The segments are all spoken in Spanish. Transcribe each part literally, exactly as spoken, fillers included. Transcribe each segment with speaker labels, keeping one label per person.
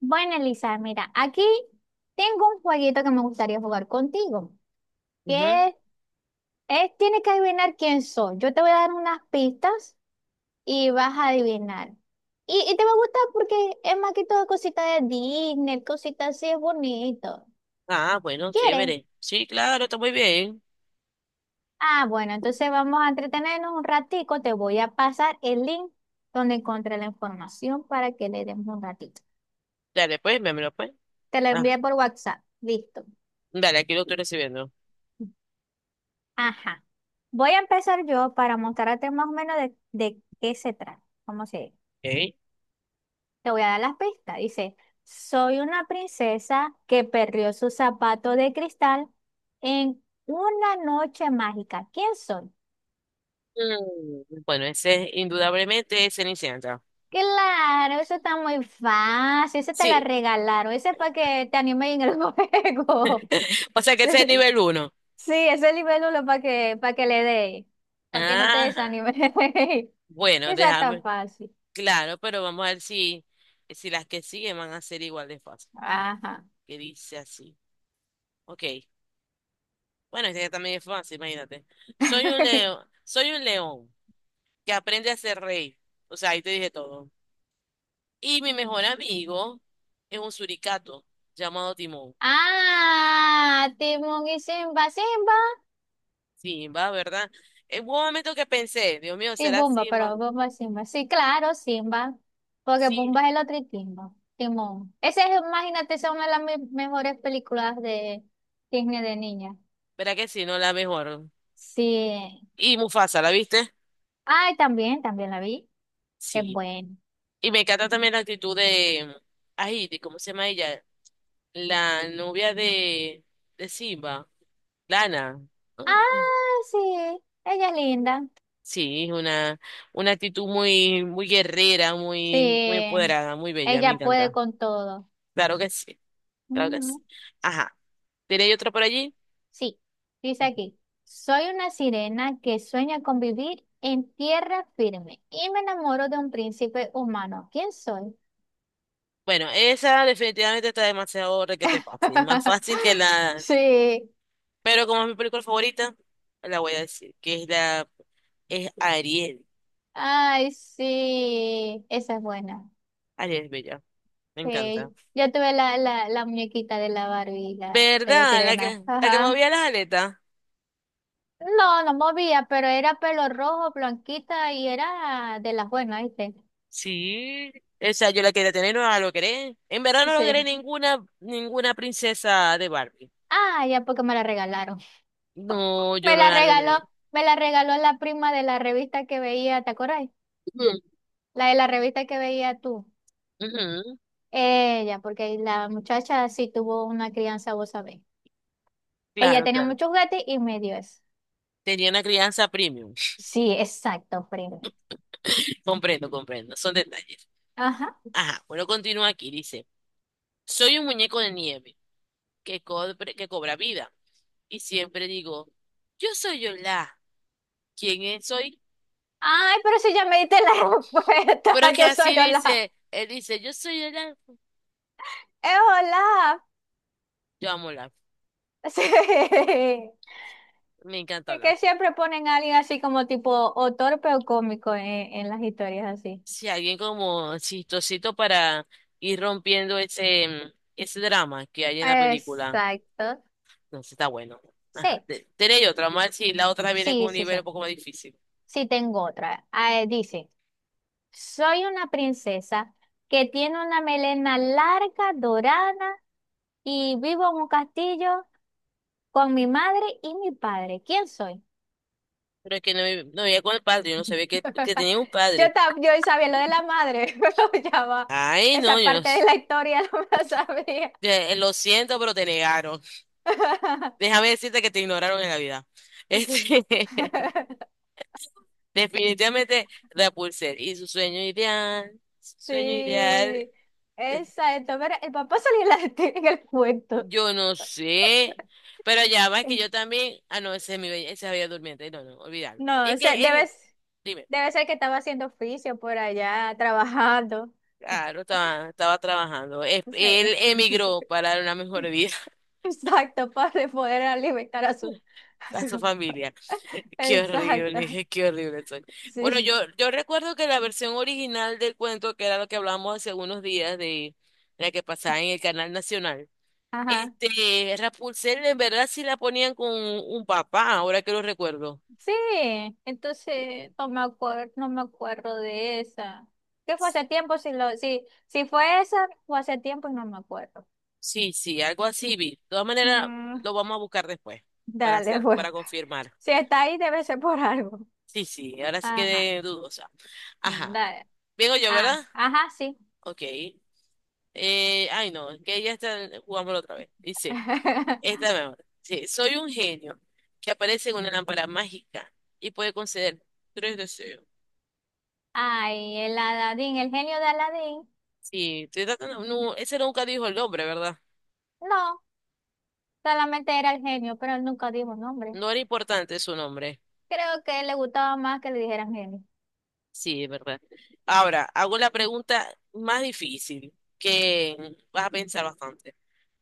Speaker 1: Bueno, Elisa, mira, aquí tengo un jueguito que me gustaría jugar contigo,
Speaker 2: Ujú.
Speaker 1: que es, es- tienes que adivinar quién soy. Yo te voy a dar unas pistas y vas a adivinar. Y, y te va a gustar porque es más que todo cosita de Disney, cositas así, es bonito.
Speaker 2: Ah, bueno,
Speaker 1: ¿Quieres?
Speaker 2: chévere. Sí, claro, está muy bien.
Speaker 1: Ah, bueno, entonces vamos a entretenernos un ratico. Te voy a pasar el link donde encontré la información para que le demos un ratito.
Speaker 2: Dale, pues, véamelo, pues.
Speaker 1: Te lo
Speaker 2: Ah,
Speaker 1: envié por WhatsApp. Listo.
Speaker 2: dale, aquí lo estoy recibiendo.
Speaker 1: Ajá. Voy a empezar yo para mostrarte más o menos de, de qué se trata. ¿Cómo se dice?
Speaker 2: Ok.
Speaker 1: Te voy a dar las pistas. Dice, soy una princesa que perdió su zapato de cristal en una noche mágica. ¿Quién soy?
Speaker 2: Mm, Bueno, ese es indudablemente es Cenicienta.
Speaker 1: Claro, eso está muy fácil. Ese te la
Speaker 2: Sí.
Speaker 1: regalaron. Ese es para que te anime en el juego.
Speaker 2: O sea que
Speaker 1: Sí,
Speaker 2: ese es
Speaker 1: sí.
Speaker 2: nivel uno.
Speaker 1: Sí, ese libélulo para que, para que le dé, para que no te
Speaker 2: Ajá.
Speaker 1: desanime.
Speaker 2: Bueno,
Speaker 1: Esa está
Speaker 2: déjame.
Speaker 1: fácil.
Speaker 2: Claro, pero vamos a ver si, si las que siguen van a ser igual de fáciles.
Speaker 1: Ajá.
Speaker 2: Que dice así. Ok. Bueno, este también es fácil, imagínate. Soy un león, soy un león que aprende a ser rey. O sea, ahí te dije todo. Y mi mejor amigo es un suricato llamado Timón.
Speaker 1: Ah, Timón y Simba, Simba
Speaker 2: Simba, ¿verdad? En un momento que pensé, Dios mío,
Speaker 1: y
Speaker 2: ¿será
Speaker 1: Bumba,
Speaker 2: Simba?
Speaker 1: pero Bumba es Simba. Sí, claro, Simba, porque
Speaker 2: Sí,
Speaker 1: Bumba es el otro y Timba, Timón. Ese es, imagínate, esa es una de las me- mejores películas de Disney de niña.
Speaker 2: ¿verdad que sí? No, la mejor.
Speaker 1: Sí.
Speaker 2: Y Mufasa, ¿la viste?
Speaker 1: Ay, también, también la vi. Es
Speaker 2: Sí.
Speaker 1: buena.
Speaker 2: Y me encanta también la actitud de, ay, ¿de cómo se llama ella? La novia de, de Simba, Lana.
Speaker 1: Ah, sí, ella es linda.
Speaker 2: Sí, es una, una actitud muy, muy guerrera, muy, muy
Speaker 1: Sí,
Speaker 2: empoderada, muy bella, me
Speaker 1: ella puede
Speaker 2: encanta.
Speaker 1: con todo.
Speaker 2: Claro que sí, claro que sí.
Speaker 1: Ujú.
Speaker 2: Ajá. ¿Tiene otra por allí?
Speaker 1: Sí, dice aquí, soy una sirena que sueña con vivir en tierra firme y me enamoro de un príncipe humano. ¿Quién soy?
Speaker 2: Bueno, esa definitivamente está demasiado requete fácil, más fácil que la...
Speaker 1: Sí,
Speaker 2: Pero como es mi película favorita, la voy a decir, que es la... es Ariel.
Speaker 1: ay, sí, esa es buena.
Speaker 2: Ariel es bella, me encanta.
Speaker 1: Sí, yo tuve la, la, la muñequita de la Barbie, la, de
Speaker 2: ¿Verdad? La
Speaker 1: sirena.
Speaker 2: que, la que
Speaker 1: Ajá.
Speaker 2: movía las aletas.
Speaker 1: No, no movía, pero era pelo rojo, blanquita y era de las buenas, ¿viste?
Speaker 2: Sí, esa yo la quería tener, no la logré. En verdad no logré
Speaker 1: Sí.
Speaker 2: ninguna, ninguna princesa de Barbie.
Speaker 1: Ah, ya porque me la regalaron.
Speaker 2: No, yo
Speaker 1: Me
Speaker 2: no
Speaker 1: la
Speaker 2: la
Speaker 1: regaló,
Speaker 2: logré.
Speaker 1: me la regaló la prima de la revista que veía, ¿te acuerdas?
Speaker 2: Ujú,
Speaker 1: La de la revista que veía tú.
Speaker 2: ujú.
Speaker 1: Ella, porque la muchacha sí tuvo una crianza, vos sabés. Ella
Speaker 2: Claro,
Speaker 1: tenía
Speaker 2: claro.
Speaker 1: muchos gatos y me dio eso.
Speaker 2: Tenía una crianza premium.
Speaker 1: Sí, exacto, prima.
Speaker 2: Comprendo, comprendo. Son detalles.
Speaker 1: Ajá.
Speaker 2: Ajá, bueno, continúa aquí, dice, soy un muñeco de nieve que, cobre- que cobra vida y siempre digo, yo soy Olaf, ¿quién es- soy?
Speaker 1: Ay, pero si ya me diste la respuesta,
Speaker 2: Pero es que
Speaker 1: yo soy
Speaker 2: así
Speaker 1: Olaf.
Speaker 2: dice, él dice, yo soy Olaf,
Speaker 1: Es Olaf.
Speaker 2: yo amo Olaf,
Speaker 1: Sí.
Speaker 2: me encanta
Speaker 1: Es
Speaker 2: Olaf.
Speaker 1: que siempre ponen a alguien así como tipo o torpe o cómico en, en las historias así.
Speaker 2: Si alguien como chistosito para ir rompiendo ese, mm, ese drama que hay en la película,
Speaker 1: Exacto.
Speaker 2: entonces está bueno. Ajá,
Speaker 1: Sí,
Speaker 2: te- tenéis otra, más si la otra viene con
Speaker 1: sí,
Speaker 2: un
Speaker 1: sí,
Speaker 2: nivel
Speaker 1: sí.
Speaker 2: un poco más difícil.
Speaker 1: Sí, tengo otra. Ah, eh, dice, soy una princesa que tiene una melena larga, dorada, y vivo en un castillo con mi madre y mi padre. ¿Quién soy?
Speaker 2: Pero es que no, vi- no vivía con el padre, yo no sabía que, que tenía un
Speaker 1: Yo,
Speaker 2: padre.
Speaker 1: ta- yo sabía lo de la madre, pero ya va.
Speaker 2: Ay, no,
Speaker 1: Esa
Speaker 2: yo no
Speaker 1: parte de
Speaker 2: s-
Speaker 1: la historia no me la sabía.
Speaker 2: eh, lo siento, pero te negaron. Déjame decirte que te ignoraron en la vida.
Speaker 1: Sí.
Speaker 2: Este, definitivamente Rapunzel y su sueño ideal, su sueño ideal,
Speaker 1: Sí.
Speaker 2: eh,
Speaker 1: Exacto. Pero el papá salió en en el cuento.
Speaker 2: yo no sé, pero ya va, es que yo también, ah, no, ese es mi bella, esa es Bella Durmiente, no, no, olvídalo.
Speaker 1: No,
Speaker 2: Es
Speaker 1: o sea,
Speaker 2: que,
Speaker 1: debe,
Speaker 2: en,
Speaker 1: s-
Speaker 2: dime,
Speaker 1: debe ser que estaba haciendo oficio por allá, trabajando.
Speaker 2: claro, estaba, estaba trabajando. Es-
Speaker 1: No
Speaker 2: él
Speaker 1: sé.
Speaker 2: emigró para una mejor vida.
Speaker 1: Exacto, para poder alimentar a su, a
Speaker 2: A su
Speaker 1: su-
Speaker 2: familia. Qué horrible,
Speaker 1: Exacto,
Speaker 2: dije, qué horrible soy. Bueno, yo,
Speaker 1: sí.
Speaker 2: yo recuerdo que la versión original del cuento, que era lo que hablamos hace unos días de la que pasaba en el canal nacional,
Speaker 1: Ajá.
Speaker 2: este, Rapunzel en verdad sí la ponían con un papá, ahora que lo recuerdo.
Speaker 1: Sí, entonces no me acuerdo, no me acuerdo de esa. ¿Qué fue hace tiempo? Si, lo, si, si fue esa, fue hace tiempo y no me acuerdo.
Speaker 2: Sí, sí, algo así vi. De todas maneras,
Speaker 1: Mm,
Speaker 2: lo vamos a buscar después para
Speaker 1: dale,
Speaker 2: hacer,
Speaker 1: pues.
Speaker 2: para confirmar.
Speaker 1: Si está ahí, debe ser por algo.
Speaker 2: Sí, sí, ahora sí
Speaker 1: Ajá.
Speaker 2: quedé dudosa. Ajá.
Speaker 1: Dale.
Speaker 2: Vengo yo,
Speaker 1: Ah,
Speaker 2: ¿verdad?
Speaker 1: ajá, sí.
Speaker 2: Ok. Eh, ay, no, es que ya está, jugámoslo otra vez. Dice. Esta mejor. Sí, soy un genio que aparece en una lámpara mágica y puede conceder tres deseos.
Speaker 1: Ay, el Aladín, el genio de Aladín.
Speaker 2: Sí, estoy tratando- no, ese nunca dijo el nombre, ¿verdad?
Speaker 1: No, solamente era el genio, pero él nunca dijo nombre.
Speaker 2: No era importante su nombre.
Speaker 1: Creo que le gustaba más que le dijeran genio.
Speaker 2: Sí, es verdad. Ahora, hago la pregunta más difícil, que vas a pensar bastante.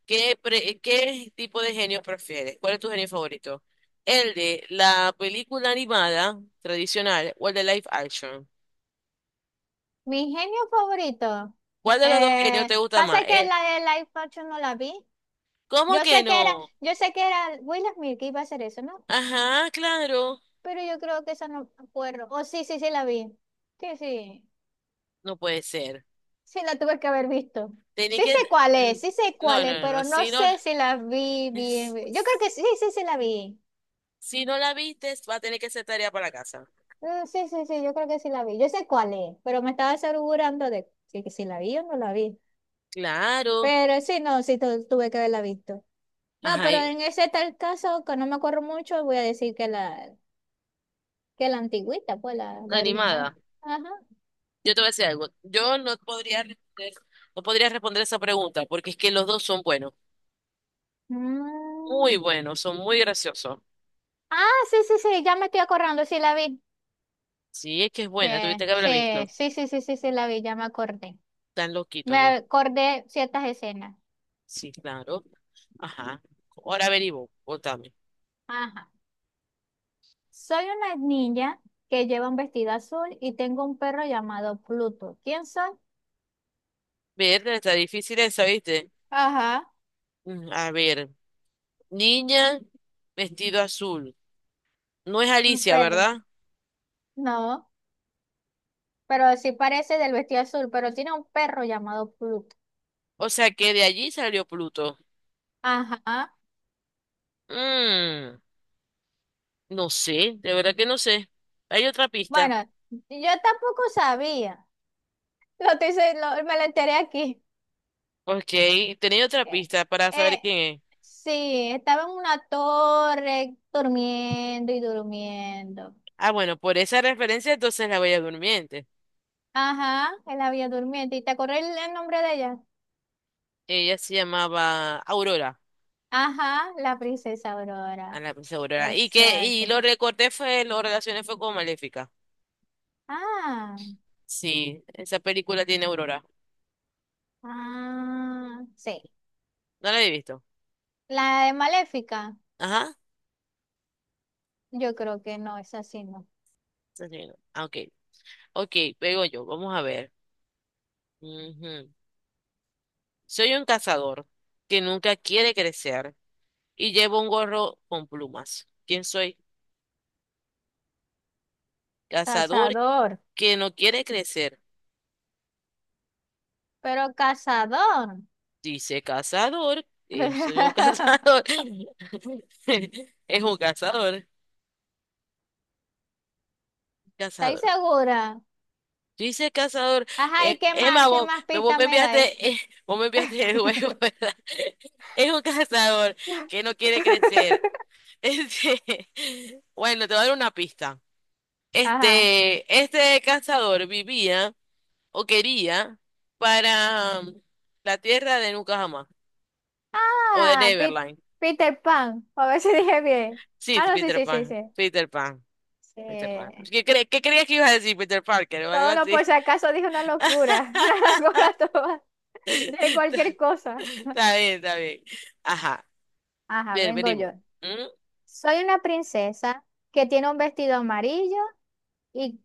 Speaker 2: ¿Qué, pre- ¿qué tipo de genio prefieres? ¿Cuál es tu genio favorito? ¿El de la película animada tradicional o el de live action?
Speaker 1: Mi genio favorito.
Speaker 2: ¿Cuál de los dos genios
Speaker 1: Eh,
Speaker 2: te gusta
Speaker 1: pasa
Speaker 2: más?
Speaker 1: que
Speaker 2: Eh,
Speaker 1: la de Life Action no la vi.
Speaker 2: ¿Cómo
Speaker 1: Yo
Speaker 2: que
Speaker 1: sé que era,
Speaker 2: no?
Speaker 1: yo sé que era Will Smith que iba a hacer eso, ¿no?
Speaker 2: Ajá, claro.
Speaker 1: Pero yo creo que esa no me acuerdo. Oh, sí, sí, sí la vi. Sí, sí.
Speaker 2: No puede ser.
Speaker 1: Sí la tuve que haber visto.
Speaker 2: Tenía
Speaker 1: Sí
Speaker 2: que...
Speaker 1: sé cuál es, sí sé
Speaker 2: No,
Speaker 1: cuál es,
Speaker 2: no, no, no.
Speaker 1: pero no
Speaker 2: Si no,
Speaker 1: sé si la vi bien. bien. Yo creo que sí, sí, sí la vi.
Speaker 2: si no la viste, va a tener que hacer tarea para la casa.
Speaker 1: Mm, sí, sí, sí, yo creo que sí la vi. Yo sé cuál es, pero me estaba asegurando de si, que si la vi o no la vi.
Speaker 2: Claro.
Speaker 1: Pero sí, no, sí tu- tuve que haberla visto. No,
Speaker 2: Ajá,
Speaker 1: pero
Speaker 2: y-
Speaker 1: en ese tal caso, que no me acuerdo mucho, voy a decir que la, que la antigüita, pues la, la original.
Speaker 2: animada.
Speaker 1: Ajá.
Speaker 2: Yo te voy a decir algo. Yo no podría responder, no podría responder esa pregunta porque es que los dos son buenos. Muy
Speaker 1: Mm.
Speaker 2: buenos, son muy graciosos.
Speaker 1: Ah, sí, sí, sí, ya me estoy acordando, sí la vi.
Speaker 2: Sí, es que es buena.
Speaker 1: Eh,
Speaker 2: Tuviste que haberla visto.
Speaker 1: sí, sí, sí, sí, sí, sí, la vi, ya me acordé.
Speaker 2: Están
Speaker 1: Me
Speaker 2: loquitos los.
Speaker 1: acordé ciertas escenas.
Speaker 2: Sí, claro. Ajá. Ahora averiguo. Votame.
Speaker 1: Ajá. Soy una niña que lleva un vestido azul y tengo un perro llamado Pluto. ¿Quién soy?
Speaker 2: Verde, está difícil esa, ¿viste?
Speaker 1: Ajá.
Speaker 2: Mm, A ver. Niña, vestido azul. No es
Speaker 1: Un
Speaker 2: Alicia,
Speaker 1: perro.
Speaker 2: ¿verdad?
Speaker 1: No, pero sí parece del vestido azul, pero tiene un perro llamado Pluto.
Speaker 2: O sea que de allí salió Pluto.
Speaker 1: Ajá.
Speaker 2: Mm, no sé, de verdad que no sé. Hay otra pista.
Speaker 1: Bueno, yo tampoco sabía. Lo estoy se- lo- me lo enteré aquí.
Speaker 2: Ok, tenía otra
Speaker 1: Eh,
Speaker 2: pista para saber
Speaker 1: eh,
Speaker 2: quién es.
Speaker 1: sí, estaba en una torre durmiendo y durmiendo.
Speaker 2: Ah, bueno, por esa referencia entonces la Bella Durmiente.
Speaker 1: Ajá, él había durmiendo. ¿Y te acordás el, el nombre de ella?
Speaker 2: Ella se llamaba Aurora,
Speaker 1: Ajá, la princesa
Speaker 2: a
Speaker 1: Aurora.
Speaker 2: la princesa Aurora. Y que, y
Speaker 1: Exacto.
Speaker 2: lo recorté fue, lo relacioné fue con Maléfica.
Speaker 1: Ah,
Speaker 2: Sí, esa película tiene Aurora.
Speaker 1: ah, sí.
Speaker 2: No la he visto.
Speaker 1: La de Maléfica,
Speaker 2: Ajá.
Speaker 1: yo creo que no es así, no.
Speaker 2: Está bien. Ah, ok. Ok, pego yo, vamos a ver. Ujú. Soy un cazador que nunca quiere crecer y llevo un gorro con plumas. ¿Quién soy? Cazador
Speaker 1: Cazador,
Speaker 2: que no quiere crecer.
Speaker 1: pero cazador.
Speaker 2: Dice cazador. eh, soy un cazador. Es un cazador.
Speaker 1: ¿Estáis
Speaker 2: Cazador.
Speaker 1: segura?
Speaker 2: Dice cazador.
Speaker 1: Ajá, ¿y
Speaker 2: eh,
Speaker 1: qué más?
Speaker 2: Emma,
Speaker 1: ¿Qué
Speaker 2: vos,
Speaker 1: más
Speaker 2: vos
Speaker 1: pista
Speaker 2: me
Speaker 1: me dais?
Speaker 2: enviaste, eh, vos me enviaste el juego, ¿verdad? Es un cazador que no quiere crecer. Este, bueno, te voy a dar una pista.
Speaker 1: Ajá.
Speaker 2: Este, este cazador vivía o quería para um, la tierra de Nunca Jamás o de
Speaker 1: Ah, Pi-
Speaker 2: Neverland.
Speaker 1: Peter Pan. A ver si dije bien.
Speaker 2: Sí,
Speaker 1: Ah, no, sí,
Speaker 2: Peter
Speaker 1: sí, sí,
Speaker 2: Pan,
Speaker 1: sí.
Speaker 2: Peter Pan, Peter Pan.
Speaker 1: Sí.
Speaker 2: ¿Qué, cre- ¿qué creías que ibas a decir, Peter Parker o algo
Speaker 1: No, no,
Speaker 2: así?
Speaker 1: por si acaso dije una locura. Una locura toda. De
Speaker 2: Está
Speaker 1: cualquier cosa.
Speaker 2: Está bien, está bien. Ajá,
Speaker 1: Ajá,
Speaker 2: bien,
Speaker 1: vengo
Speaker 2: venimos.
Speaker 1: yo.
Speaker 2: ¿Mm?
Speaker 1: Soy una princesa que tiene un vestido amarillo y,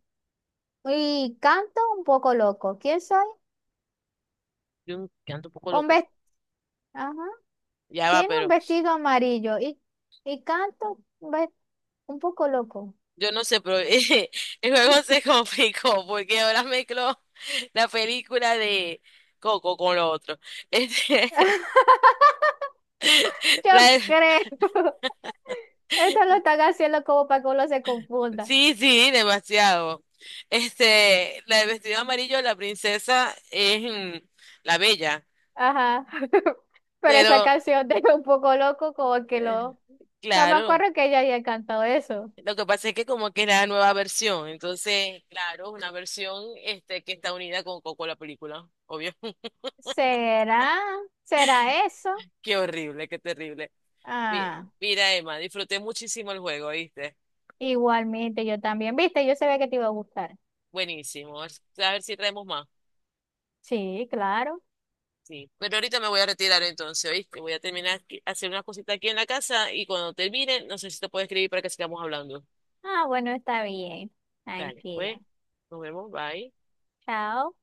Speaker 1: y canto un poco loco. ¿Quién soy?
Speaker 2: Yo canto un poco
Speaker 1: Un
Speaker 2: loco.
Speaker 1: ves- Ajá.
Speaker 2: Ya va,
Speaker 1: Tiene un
Speaker 2: pero
Speaker 1: vestido amarillo y, y canto un, ve- un poco loco.
Speaker 2: yo no sé, pero eh, el juego se complicó porque ahora mezcló la película de Coco con lo otro. Este,
Speaker 1: Yo creo. Esto lo están haciendo como para que uno se confunda.
Speaker 2: Sí, sí, demasiado. Este, la de vestido amarillo, la princesa es mm, la bella,
Speaker 1: Ajá. Pero esa
Speaker 2: pero
Speaker 1: canción de un poco loco, como que
Speaker 2: eh,
Speaker 1: lo. No me
Speaker 2: claro,
Speaker 1: acuerdo que ella haya cantado eso.
Speaker 2: lo que pasa es que como que es la nueva versión, entonces, claro, una versión este que está unida con, coco la película, obvio.
Speaker 1: ¿Será? ¿Será eso?
Speaker 2: Qué horrible, qué terrible. Mi-
Speaker 1: Ah.
Speaker 2: Mira, Emma, disfruté muchísimo el juego, ¿viste?
Speaker 1: Igualmente, yo también. ¿Viste? Yo sabía que te iba a gustar.
Speaker 2: Buenísimo. A ver si traemos más.
Speaker 1: Sí, claro.
Speaker 2: Sí, pero ahorita me voy a retirar entonces, ¿oíste? Voy a terminar aquí- hacer unas cositas aquí en la casa y cuando termine, no sé si te puedo escribir para que sigamos hablando.
Speaker 1: Ah, bueno, está bien.
Speaker 2: Dale, pues,
Speaker 1: Tranquila.
Speaker 2: nos vemos, bye.
Speaker 1: Chao.